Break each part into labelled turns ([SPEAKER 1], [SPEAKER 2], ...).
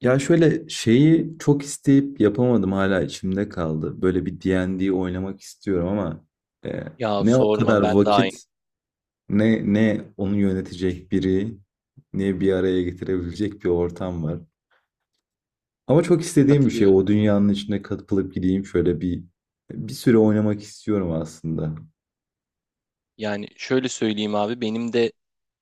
[SPEAKER 1] Ya şöyle şeyi çok isteyip yapamadım hala içimde kaldı. Böyle bir D&D oynamak istiyorum ama e,
[SPEAKER 2] Ya
[SPEAKER 1] ne o
[SPEAKER 2] sorma
[SPEAKER 1] kadar
[SPEAKER 2] ben de aynı.
[SPEAKER 1] vakit ne onu yönetecek biri ne bir araya getirebilecek bir ortam var. Ama çok istediğim bir şey
[SPEAKER 2] Katılıyorum.
[SPEAKER 1] o dünyanın içine katılıp gideyim şöyle bir süre oynamak istiyorum aslında.
[SPEAKER 2] Yani şöyle söyleyeyim abi benim de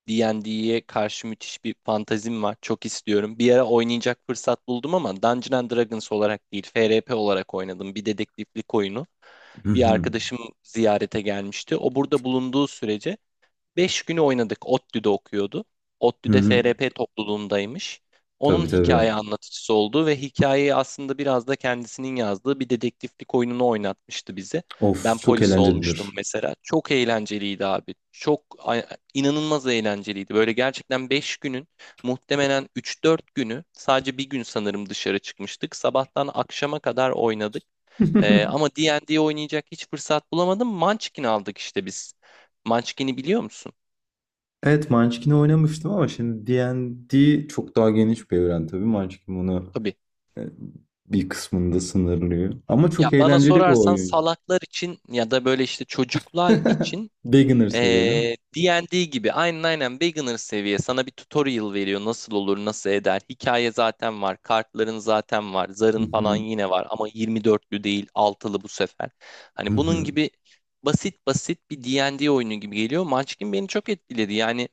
[SPEAKER 2] D&D'ye karşı müthiş bir fantazim var. Çok istiyorum. Bir ara oynayacak fırsat buldum ama Dungeons and Dragons olarak değil, FRP olarak oynadım. Bir dedektiflik oyunu.
[SPEAKER 1] Hı
[SPEAKER 2] Bir
[SPEAKER 1] hı.
[SPEAKER 2] arkadaşım ziyarete gelmişti. O burada bulunduğu sürece 5 günü oynadık. ODTÜ'de okuyordu.
[SPEAKER 1] Hı
[SPEAKER 2] ODTÜ'de
[SPEAKER 1] hı.
[SPEAKER 2] FRP topluluğundaymış. Onun
[SPEAKER 1] Tabii tabii.
[SPEAKER 2] hikaye anlatıcısı olduğu ve hikayeyi aslında biraz da kendisinin yazdığı bir dedektiflik oyununu oynatmıştı bize.
[SPEAKER 1] Of
[SPEAKER 2] Ben
[SPEAKER 1] çok
[SPEAKER 2] polis olmuştum
[SPEAKER 1] eğlencelidir.
[SPEAKER 2] mesela. Çok eğlenceliydi abi. İnanılmaz eğlenceliydi. Böyle gerçekten 5 günün muhtemelen üç dört günü, sadece bir gün sanırım dışarı çıkmıştık. Sabahtan akşama kadar oynadık. Ee, ama D&D oynayacak hiç fırsat bulamadım. Munchkin aldık işte biz. Munchkin'i biliyor musun?
[SPEAKER 1] Evet Munchkin'i oynamıştım ama şimdi D&D çok daha geniş bir evren tabii. Munchkin bunu
[SPEAKER 2] Tabii.
[SPEAKER 1] e, bir kısmında sınırlıyor. Ama
[SPEAKER 2] Ya
[SPEAKER 1] çok
[SPEAKER 2] bana
[SPEAKER 1] eğlenceli bir
[SPEAKER 2] sorarsan
[SPEAKER 1] oyun ya.
[SPEAKER 2] salaklar için ya da böyle işte çocuklar için
[SPEAKER 1] Beginner seviye değil mi?
[SPEAKER 2] D&D gibi, aynen aynen beginner seviye. Sana bir tutorial veriyor, nasıl olur nasıl eder. Hikaye zaten var, kartların zaten var,
[SPEAKER 1] Hı
[SPEAKER 2] zarın falan
[SPEAKER 1] hı,
[SPEAKER 2] yine var ama 24'lü değil, 6'lı bu sefer,
[SPEAKER 1] hı
[SPEAKER 2] hani bunun
[SPEAKER 1] hı.
[SPEAKER 2] gibi. Basit basit bir D&D oyunu gibi geliyor. Munchkin beni çok etkiledi yani.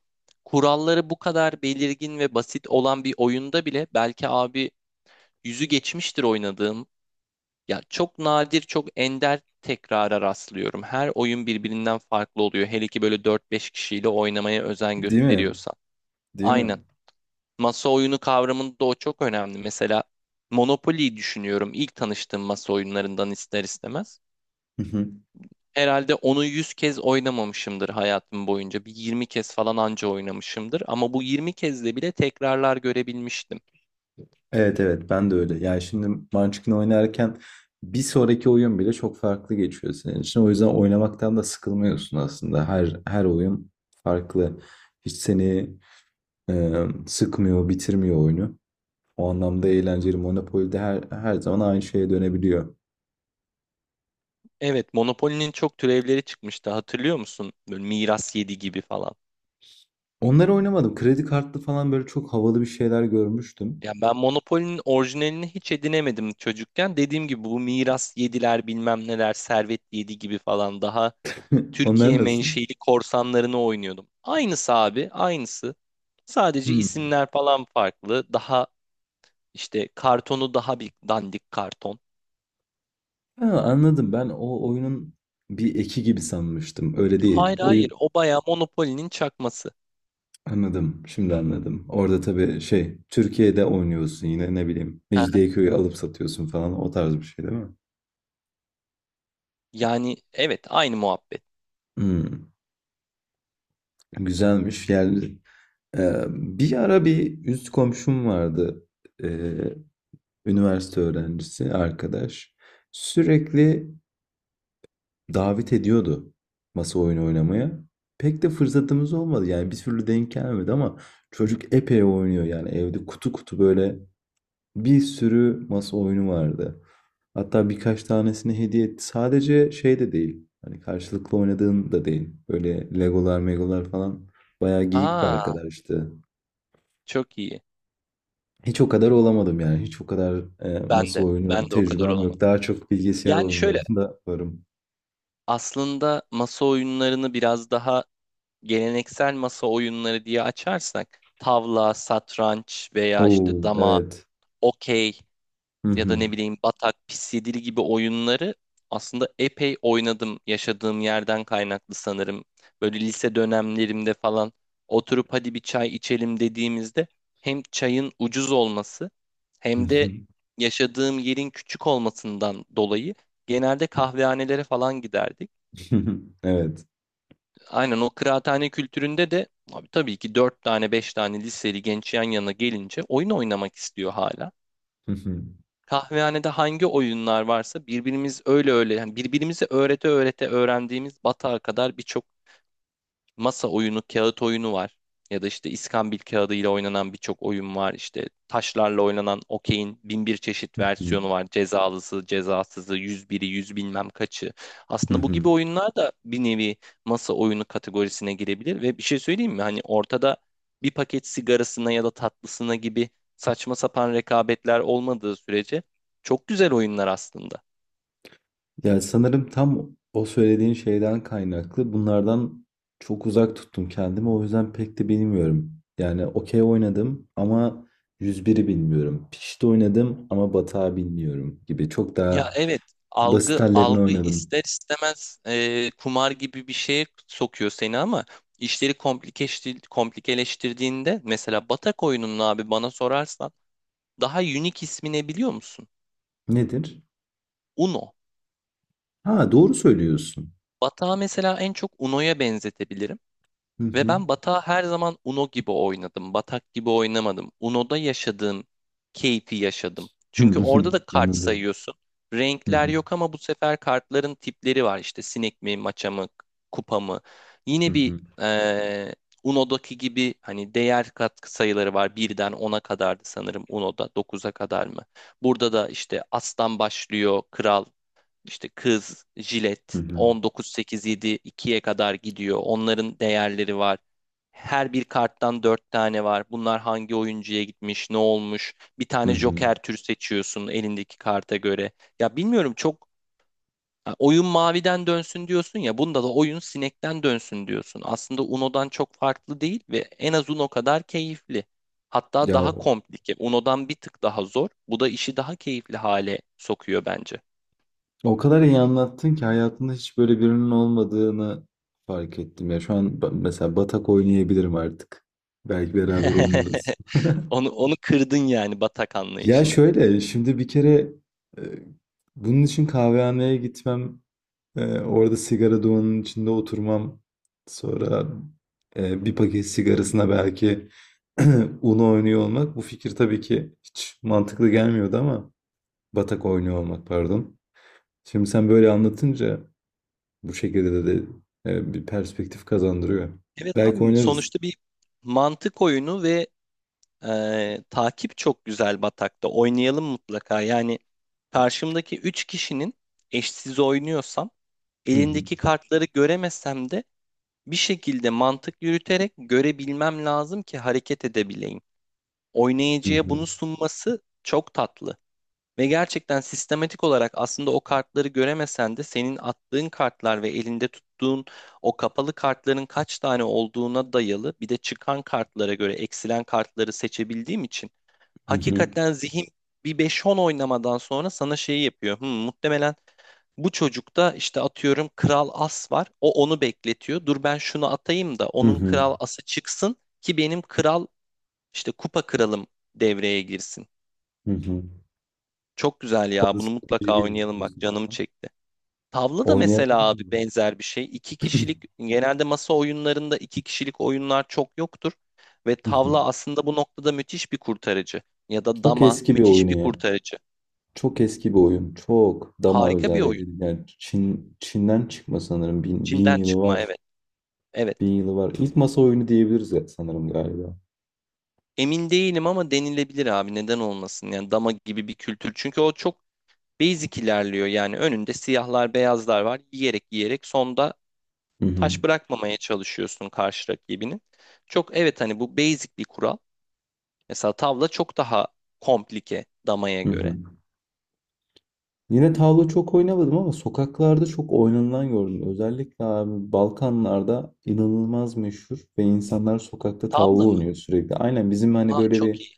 [SPEAKER 2] Kuralları bu kadar belirgin ve basit olan bir oyunda bile belki abi yüzü geçmiştir oynadığım. Ya çok nadir, çok ender tekrara rastlıyorum. Her oyun birbirinden farklı oluyor. Hele ki böyle dört beş kişiyle oynamaya özen
[SPEAKER 1] Değil mi?
[SPEAKER 2] gösteriyorsan.
[SPEAKER 1] Değil mi?
[SPEAKER 2] Aynen. Masa oyunu kavramında o çok önemli. Mesela Monopoly'yi düşünüyorum. İlk tanıştığım masa oyunlarından ister istemez.
[SPEAKER 1] Hı hı.
[SPEAKER 2] Herhalde onu 100 kez oynamamışımdır hayatım boyunca. Bir 20 kez falan anca oynamışımdır. Ama bu 20 kezde bile tekrarlar görebilmiştim.
[SPEAKER 1] Evet, evet, ben de öyle. Yani şimdi Munchkin oynarken bir sonraki oyun bile çok farklı geçiyor senin için. O yüzden oynamaktan da sıkılmıyorsun aslında. Her oyun farklı. Hiç seni sıkmıyor, bitirmiyor oyunu. O anlamda eğlenceli. Monopoly'de her zaman aynı şeye dönebiliyor.
[SPEAKER 2] Evet, Monopoly'nin çok türevleri çıkmıştı. Hatırlıyor musun? Böyle Miras 7 gibi falan.
[SPEAKER 1] Onları oynamadım. Kredi kartlı falan böyle çok havalı bir şeyler görmüştüm.
[SPEAKER 2] Ya ben Monopoly'nin orijinalini hiç edinemedim çocukken. Dediğim gibi bu miras yediler, bilmem neler, servet yedi gibi falan, daha
[SPEAKER 1] Onlar
[SPEAKER 2] Türkiye
[SPEAKER 1] nasıl?
[SPEAKER 2] menşeli korsanlarını oynuyordum. Aynısı abi, aynısı. Sadece
[SPEAKER 1] Hmm.
[SPEAKER 2] isimler falan farklı. Daha işte kartonu daha bir dandik karton.
[SPEAKER 1] Ha, anladım. Ben o oyunun bir eki gibi sanmıştım. Öyle değil.
[SPEAKER 2] Hayır hayır,
[SPEAKER 1] Oyun
[SPEAKER 2] o bayağı Monopoly'nin çakması.
[SPEAKER 1] anladım. Şimdi anladım. Orada tabii şey Türkiye'de oynuyorsun yine ne bileyim.
[SPEAKER 2] Hı hı.
[SPEAKER 1] Mecidiyeköy'ü alıp satıyorsun falan, o tarz bir şey değil mi?
[SPEAKER 2] Yani evet, aynı muhabbet.
[SPEAKER 1] Hmm, güzelmiş. Yani bir ara bir üst komşum vardı. E, Üniversite öğrencisi arkadaş sürekli davet ediyordu masa oyunu oynamaya. Pek de fırsatımız olmadı yani, bir türlü denk gelmedi, ama çocuk epey oynuyor yani, evde kutu kutu böyle bir sürü masa oyunu vardı. Hatta birkaç tanesini hediye etti. Sadece şey de değil. Hani karşılıklı oynadığın da değil. Böyle Legolar, Megolar falan, bayağı geyik bir
[SPEAKER 2] Aa
[SPEAKER 1] arkadaştı.
[SPEAKER 2] çok iyi.
[SPEAKER 1] Hiç o kadar olamadım yani. Hiç o kadar
[SPEAKER 2] Ben
[SPEAKER 1] masa
[SPEAKER 2] de ben
[SPEAKER 1] oyunu
[SPEAKER 2] de o kadar
[SPEAKER 1] tecrübem yok.
[SPEAKER 2] olamadım.
[SPEAKER 1] Daha çok bilgisayar
[SPEAKER 2] Yani şöyle,
[SPEAKER 1] oyunlarında varım.
[SPEAKER 2] aslında masa oyunlarını biraz daha geleneksel masa oyunları diye açarsak tavla, satranç veya işte
[SPEAKER 1] Oo,
[SPEAKER 2] dama,
[SPEAKER 1] evet.
[SPEAKER 2] okey
[SPEAKER 1] Hı
[SPEAKER 2] ya da
[SPEAKER 1] hı.
[SPEAKER 2] ne bileyim batak, pis yedili gibi oyunları aslında epey oynadım, yaşadığım yerden kaynaklı sanırım. Böyle lise dönemlerimde falan oturup hadi bir çay içelim dediğimizde, hem çayın ucuz olması
[SPEAKER 1] Hı
[SPEAKER 2] hem
[SPEAKER 1] hı.
[SPEAKER 2] de yaşadığım yerin küçük olmasından dolayı genelde kahvehanelere falan giderdik.
[SPEAKER 1] Hı hı. Evet.
[SPEAKER 2] Aynen o kıraathane kültüründe de abi tabii ki 4 tane 5 tane liseli genç yan yana gelince oyun oynamak istiyor hala.
[SPEAKER 1] Hı hı.
[SPEAKER 2] Kahvehanede hangi oyunlar varsa birbirimiz öyle öyle, yani birbirimizi öğrete öğrete öğrendiğimiz batağa kadar birçok masa oyunu, kağıt oyunu var. Ya da işte iskambil kağıdıyla oynanan birçok oyun var. İşte taşlarla oynanan okeyin bin bir çeşit
[SPEAKER 1] Hı hı.
[SPEAKER 2] versiyonu var. Cezalısı, cezasızı, 101'i, yüz bilmem kaçı.
[SPEAKER 1] Hı
[SPEAKER 2] Aslında bu
[SPEAKER 1] hı.
[SPEAKER 2] gibi oyunlar da bir nevi masa oyunu kategorisine girebilir. Ve bir şey söyleyeyim mi? Hani ortada bir paket sigarasına ya da tatlısına gibi saçma sapan rekabetler olmadığı sürece çok güzel oyunlar aslında.
[SPEAKER 1] Ya sanırım tam o söylediğin şeyden kaynaklı. Bunlardan çok uzak tuttum kendimi. O yüzden pek de bilmiyorum. Yani okey oynadım ama 101'i bilmiyorum. Pişti oynadım ama batağı bilmiyorum gibi. Çok
[SPEAKER 2] Ya
[SPEAKER 1] daha
[SPEAKER 2] evet,
[SPEAKER 1] basit
[SPEAKER 2] algı
[SPEAKER 1] hallerini
[SPEAKER 2] algı
[SPEAKER 1] oynadım.
[SPEAKER 2] ister istemez kumar gibi bir şeye sokuyor seni, ama işleri komplikeleştirdiğinde mesela batak oyununun, abi bana sorarsan, daha unique ismi ne biliyor musun?
[SPEAKER 1] Nedir?
[SPEAKER 2] Uno.
[SPEAKER 1] Ha, doğru söylüyorsun.
[SPEAKER 2] Batağı mesela en çok Uno'ya benzetebilirim.
[SPEAKER 1] Hı
[SPEAKER 2] Ve
[SPEAKER 1] hı.
[SPEAKER 2] ben batağı her zaman Uno gibi oynadım. Batak gibi oynamadım. Uno'da yaşadığım keyfi yaşadım.
[SPEAKER 1] Hı
[SPEAKER 2] Çünkü
[SPEAKER 1] hı.
[SPEAKER 2] orada da kart
[SPEAKER 1] Anladım.
[SPEAKER 2] sayıyorsun.
[SPEAKER 1] Hı
[SPEAKER 2] Renkler
[SPEAKER 1] hı.
[SPEAKER 2] yok ama bu sefer kartların tipleri var. İşte sinek mi, maça mı, kupa mı?
[SPEAKER 1] Hı
[SPEAKER 2] Yine bir
[SPEAKER 1] hı.
[SPEAKER 2] eee Uno'daki gibi hani değer katkı sayıları var. Birden 10'a kadardı sanırım Uno'da. Dokuza kadar mı? Burada da işte aslan başlıyor, kral, işte kız,
[SPEAKER 1] Hı
[SPEAKER 2] jilet
[SPEAKER 1] hı.
[SPEAKER 2] 19.87 ikiye kadar gidiyor. Onların değerleri var. Her bir karttan dört tane var. Bunlar hangi oyuncuya gitmiş, ne olmuş? Bir
[SPEAKER 1] Hı
[SPEAKER 2] tane
[SPEAKER 1] hı.
[SPEAKER 2] joker tür seçiyorsun elindeki karta göre. Ya bilmiyorum, çok ha, oyun maviden dönsün diyorsun ya. Bunda da oyun sinekten dönsün diyorsun. Aslında Uno'dan çok farklı değil ve en az Uno kadar keyifli. Hatta
[SPEAKER 1] Ya
[SPEAKER 2] daha
[SPEAKER 1] o,
[SPEAKER 2] komplike. Uno'dan bir tık daha zor. Bu da işi daha keyifli hale sokuyor bence.
[SPEAKER 1] o kadar iyi anlattın ki hayatımda hiç böyle birinin olmadığını fark ettim. Ya şu an mesela batak oynayabilirim artık. Belki beraber oynarız.
[SPEAKER 2] Onu kırdın yani, batak
[SPEAKER 1] Ya
[SPEAKER 2] anlayışını.
[SPEAKER 1] şöyle, şimdi bir kere e, bunun için kahvehaneye gitmem. Orada sigara dumanının içinde oturmam. Sonra bir paket sigarasına belki Uno oynuyor olmak. Bu fikir tabii ki hiç mantıklı gelmiyordu, ama batak oynuyor olmak, pardon. Şimdi sen böyle anlatınca bu şekilde de bir perspektif kazandırıyor.
[SPEAKER 2] Evet
[SPEAKER 1] Belki
[SPEAKER 2] abim,
[SPEAKER 1] oynarız.
[SPEAKER 2] sonuçta bir mantık oyunu ve takip çok güzel batakta. Oynayalım mutlaka. Yani karşımdaki 3 kişinin, eşsiz oynuyorsam
[SPEAKER 1] Hı hı.
[SPEAKER 2] elindeki kartları göremesem de, bir şekilde mantık yürüterek görebilmem lazım ki hareket edebileyim.
[SPEAKER 1] Hı
[SPEAKER 2] Oynayıcıya
[SPEAKER 1] hı.
[SPEAKER 2] bunu sunması çok tatlı. Ve gerçekten sistematik olarak, aslında o kartları göremesen de, senin attığın kartlar ve elinde tuttuğun o kapalı kartların kaç tane olduğuna dayalı, bir de çıkan kartlara göre eksilen kartları seçebildiğim için,
[SPEAKER 1] Hı hı.
[SPEAKER 2] hakikaten zihin bir beş on oynamadan sonra sana şeyi yapıyor. Muhtemelen bu çocukta işte atıyorum kral as var. O onu bekletiyor. Dur ben şunu atayım da
[SPEAKER 1] Hı
[SPEAKER 2] onun
[SPEAKER 1] hı.
[SPEAKER 2] kral ası çıksın ki benim kral, işte kupa kralım, devreye girsin.
[SPEAKER 1] Hı hı.
[SPEAKER 2] Çok güzel ya.
[SPEAKER 1] Orada
[SPEAKER 2] Bunu
[SPEAKER 1] strateji
[SPEAKER 2] mutlaka oynayalım, bak
[SPEAKER 1] geliştiriyorsun
[SPEAKER 2] canım
[SPEAKER 1] falan.
[SPEAKER 2] çekti. Tavla da mesela
[SPEAKER 1] Oynayalım mı?
[SPEAKER 2] abi benzer bir şey. İki kişilik, genelde masa oyunlarında iki kişilik oyunlar çok yoktur. Ve
[SPEAKER 1] Hı hı.
[SPEAKER 2] tavla aslında bu noktada müthiş bir kurtarıcı. Ya da
[SPEAKER 1] Çok
[SPEAKER 2] dama,
[SPEAKER 1] eski bir
[SPEAKER 2] müthiş
[SPEAKER 1] oyunu
[SPEAKER 2] bir
[SPEAKER 1] ya.
[SPEAKER 2] kurtarıcı.
[SPEAKER 1] Çok eski bir oyun. Çok. Dama
[SPEAKER 2] Harika bir oyun.
[SPEAKER 1] özellikle. Yani Çin'den çıkma sanırım. Bin
[SPEAKER 2] Çin'den
[SPEAKER 1] yılı
[SPEAKER 2] çıkma,
[SPEAKER 1] var.
[SPEAKER 2] evet. Evet.
[SPEAKER 1] Bin yılı var. İlk masa oyunu diyebiliriz ya, sanırım, galiba.
[SPEAKER 2] Emin değilim ama denilebilir abi, neden olmasın. Yani dama gibi bir kültür. Çünkü o çok basic ilerliyor. Yani önünde siyahlar beyazlar var. Yiyerek yiyerek sonda
[SPEAKER 1] Hı hı.
[SPEAKER 2] taş bırakmamaya çalışıyorsun karşı rakibinin. Çok, evet, hani bu basic bir kural. Mesela tavla çok daha komplike damaya
[SPEAKER 1] Hı
[SPEAKER 2] göre.
[SPEAKER 1] hı. Yine tavla çok oynamadım ama sokaklarda çok oynanılan gördüm. Özellikle abi Balkanlarda inanılmaz meşhur ve insanlar sokakta tavla
[SPEAKER 2] Tavla mı?
[SPEAKER 1] oynuyor sürekli. Aynen bizim hani
[SPEAKER 2] Aa
[SPEAKER 1] böyle bir
[SPEAKER 2] çok iyi.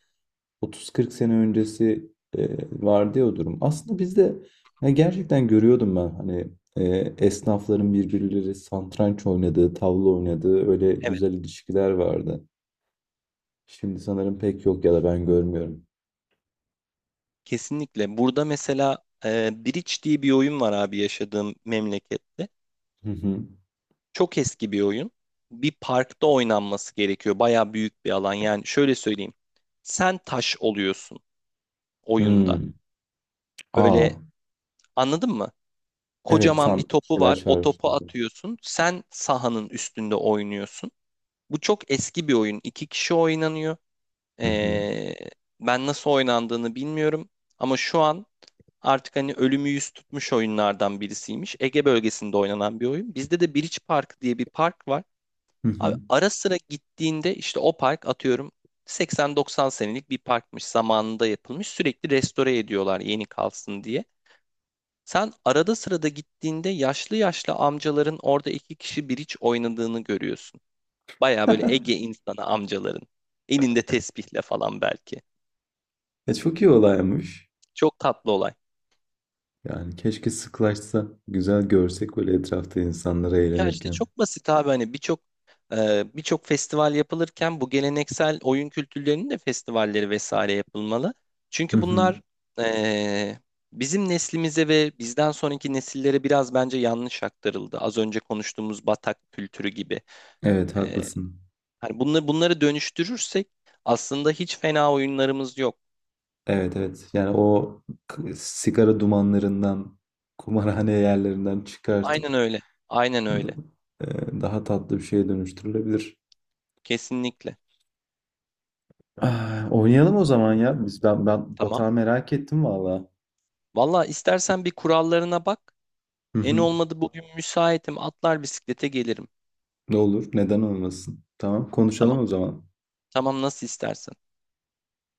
[SPEAKER 1] 30-40 sene öncesi e, vardı ya o durum. Aslında bizde, ya gerçekten görüyordum ben hani, e, esnafların birbirleri satranç oynadığı, tavla oynadığı, öyle
[SPEAKER 2] Evet,
[SPEAKER 1] güzel ilişkiler vardı. Şimdi sanırım pek yok ya da ben görmüyorum.
[SPEAKER 2] kesinlikle. Burada mesela Bridge diye bir oyun var abi, yaşadığım memlekette.
[SPEAKER 1] Hı hı.
[SPEAKER 2] Çok eski bir oyun. Bir parkta oynanması gerekiyor. Baya büyük bir alan. Yani şöyle söyleyeyim. Sen taş oluyorsun oyunda.
[SPEAKER 1] Hmm. Aa,
[SPEAKER 2] Böyle, anladın mı?
[SPEAKER 1] evet,
[SPEAKER 2] Kocaman bir
[SPEAKER 1] tam bir
[SPEAKER 2] topu
[SPEAKER 1] şeyler
[SPEAKER 2] var. O topu
[SPEAKER 1] çağrıştırdı.
[SPEAKER 2] atıyorsun. Sen sahanın üstünde oynuyorsun. Bu çok eski bir oyun. İki kişi oynanıyor.
[SPEAKER 1] Hı hı.
[SPEAKER 2] Ee, ben nasıl oynandığını bilmiyorum. Ama şu an artık hani ölümü yüz tutmuş oyunlardan birisiymiş. Ege bölgesinde oynanan bir oyun. Bizde de Biriç Park diye bir park var.
[SPEAKER 1] Hı
[SPEAKER 2] Abi
[SPEAKER 1] hı.
[SPEAKER 2] ara sıra gittiğinde, işte o park atıyorum 80-90 senelik bir parkmış. Zamanında yapılmış. Sürekli restore ediyorlar yeni kalsın diye. Sen arada sırada gittiğinde yaşlı yaşlı amcaların orada iki kişi Biriç oynadığını görüyorsun. Baya böyle Ege insanı amcaların. Elinde tesbihle falan belki.
[SPEAKER 1] Çok iyi olaymış.
[SPEAKER 2] Çok tatlı olay.
[SPEAKER 1] Yani keşke sıklaşsa, güzel görsek böyle etrafta insanları
[SPEAKER 2] Ya işte
[SPEAKER 1] eğlenirken.
[SPEAKER 2] çok basit abi, hani birçok birçok festival yapılırken bu geleneksel oyun kültürlerinin de festivalleri vesaire yapılmalı.
[SPEAKER 1] Hı
[SPEAKER 2] Çünkü
[SPEAKER 1] hı.
[SPEAKER 2] bunlar e, bizim neslimize ve bizden sonraki nesillere biraz bence yanlış aktarıldı. Az önce konuştuğumuz Batak kültürü gibi.
[SPEAKER 1] Evet,
[SPEAKER 2] E,
[SPEAKER 1] haklısın.
[SPEAKER 2] hani bunları dönüştürürsek aslında hiç fena oyunlarımız yok.
[SPEAKER 1] Evet, evet. Yani o, sigara dumanlarından, kumarhane yerlerinden çıkartıp
[SPEAKER 2] Aynen öyle. Aynen
[SPEAKER 1] d-
[SPEAKER 2] öyle.
[SPEAKER 1] daha tatlı bir şeye dönüştürülebilir.
[SPEAKER 2] Kesinlikle.
[SPEAKER 1] Ah, oynayalım o zaman ya. Biz ben ben
[SPEAKER 2] Tamam.
[SPEAKER 1] batağı merak ettim valla.
[SPEAKER 2] Valla istersen bir kurallarına bak.
[SPEAKER 1] Hı
[SPEAKER 2] En
[SPEAKER 1] hı.
[SPEAKER 2] olmadı bugün müsaitim, atlar bisiklete gelirim.
[SPEAKER 1] Ne olur, neden olmasın? Tamam, konuşalım
[SPEAKER 2] Tamam.
[SPEAKER 1] o zaman.
[SPEAKER 2] Tamam, nasıl istersen.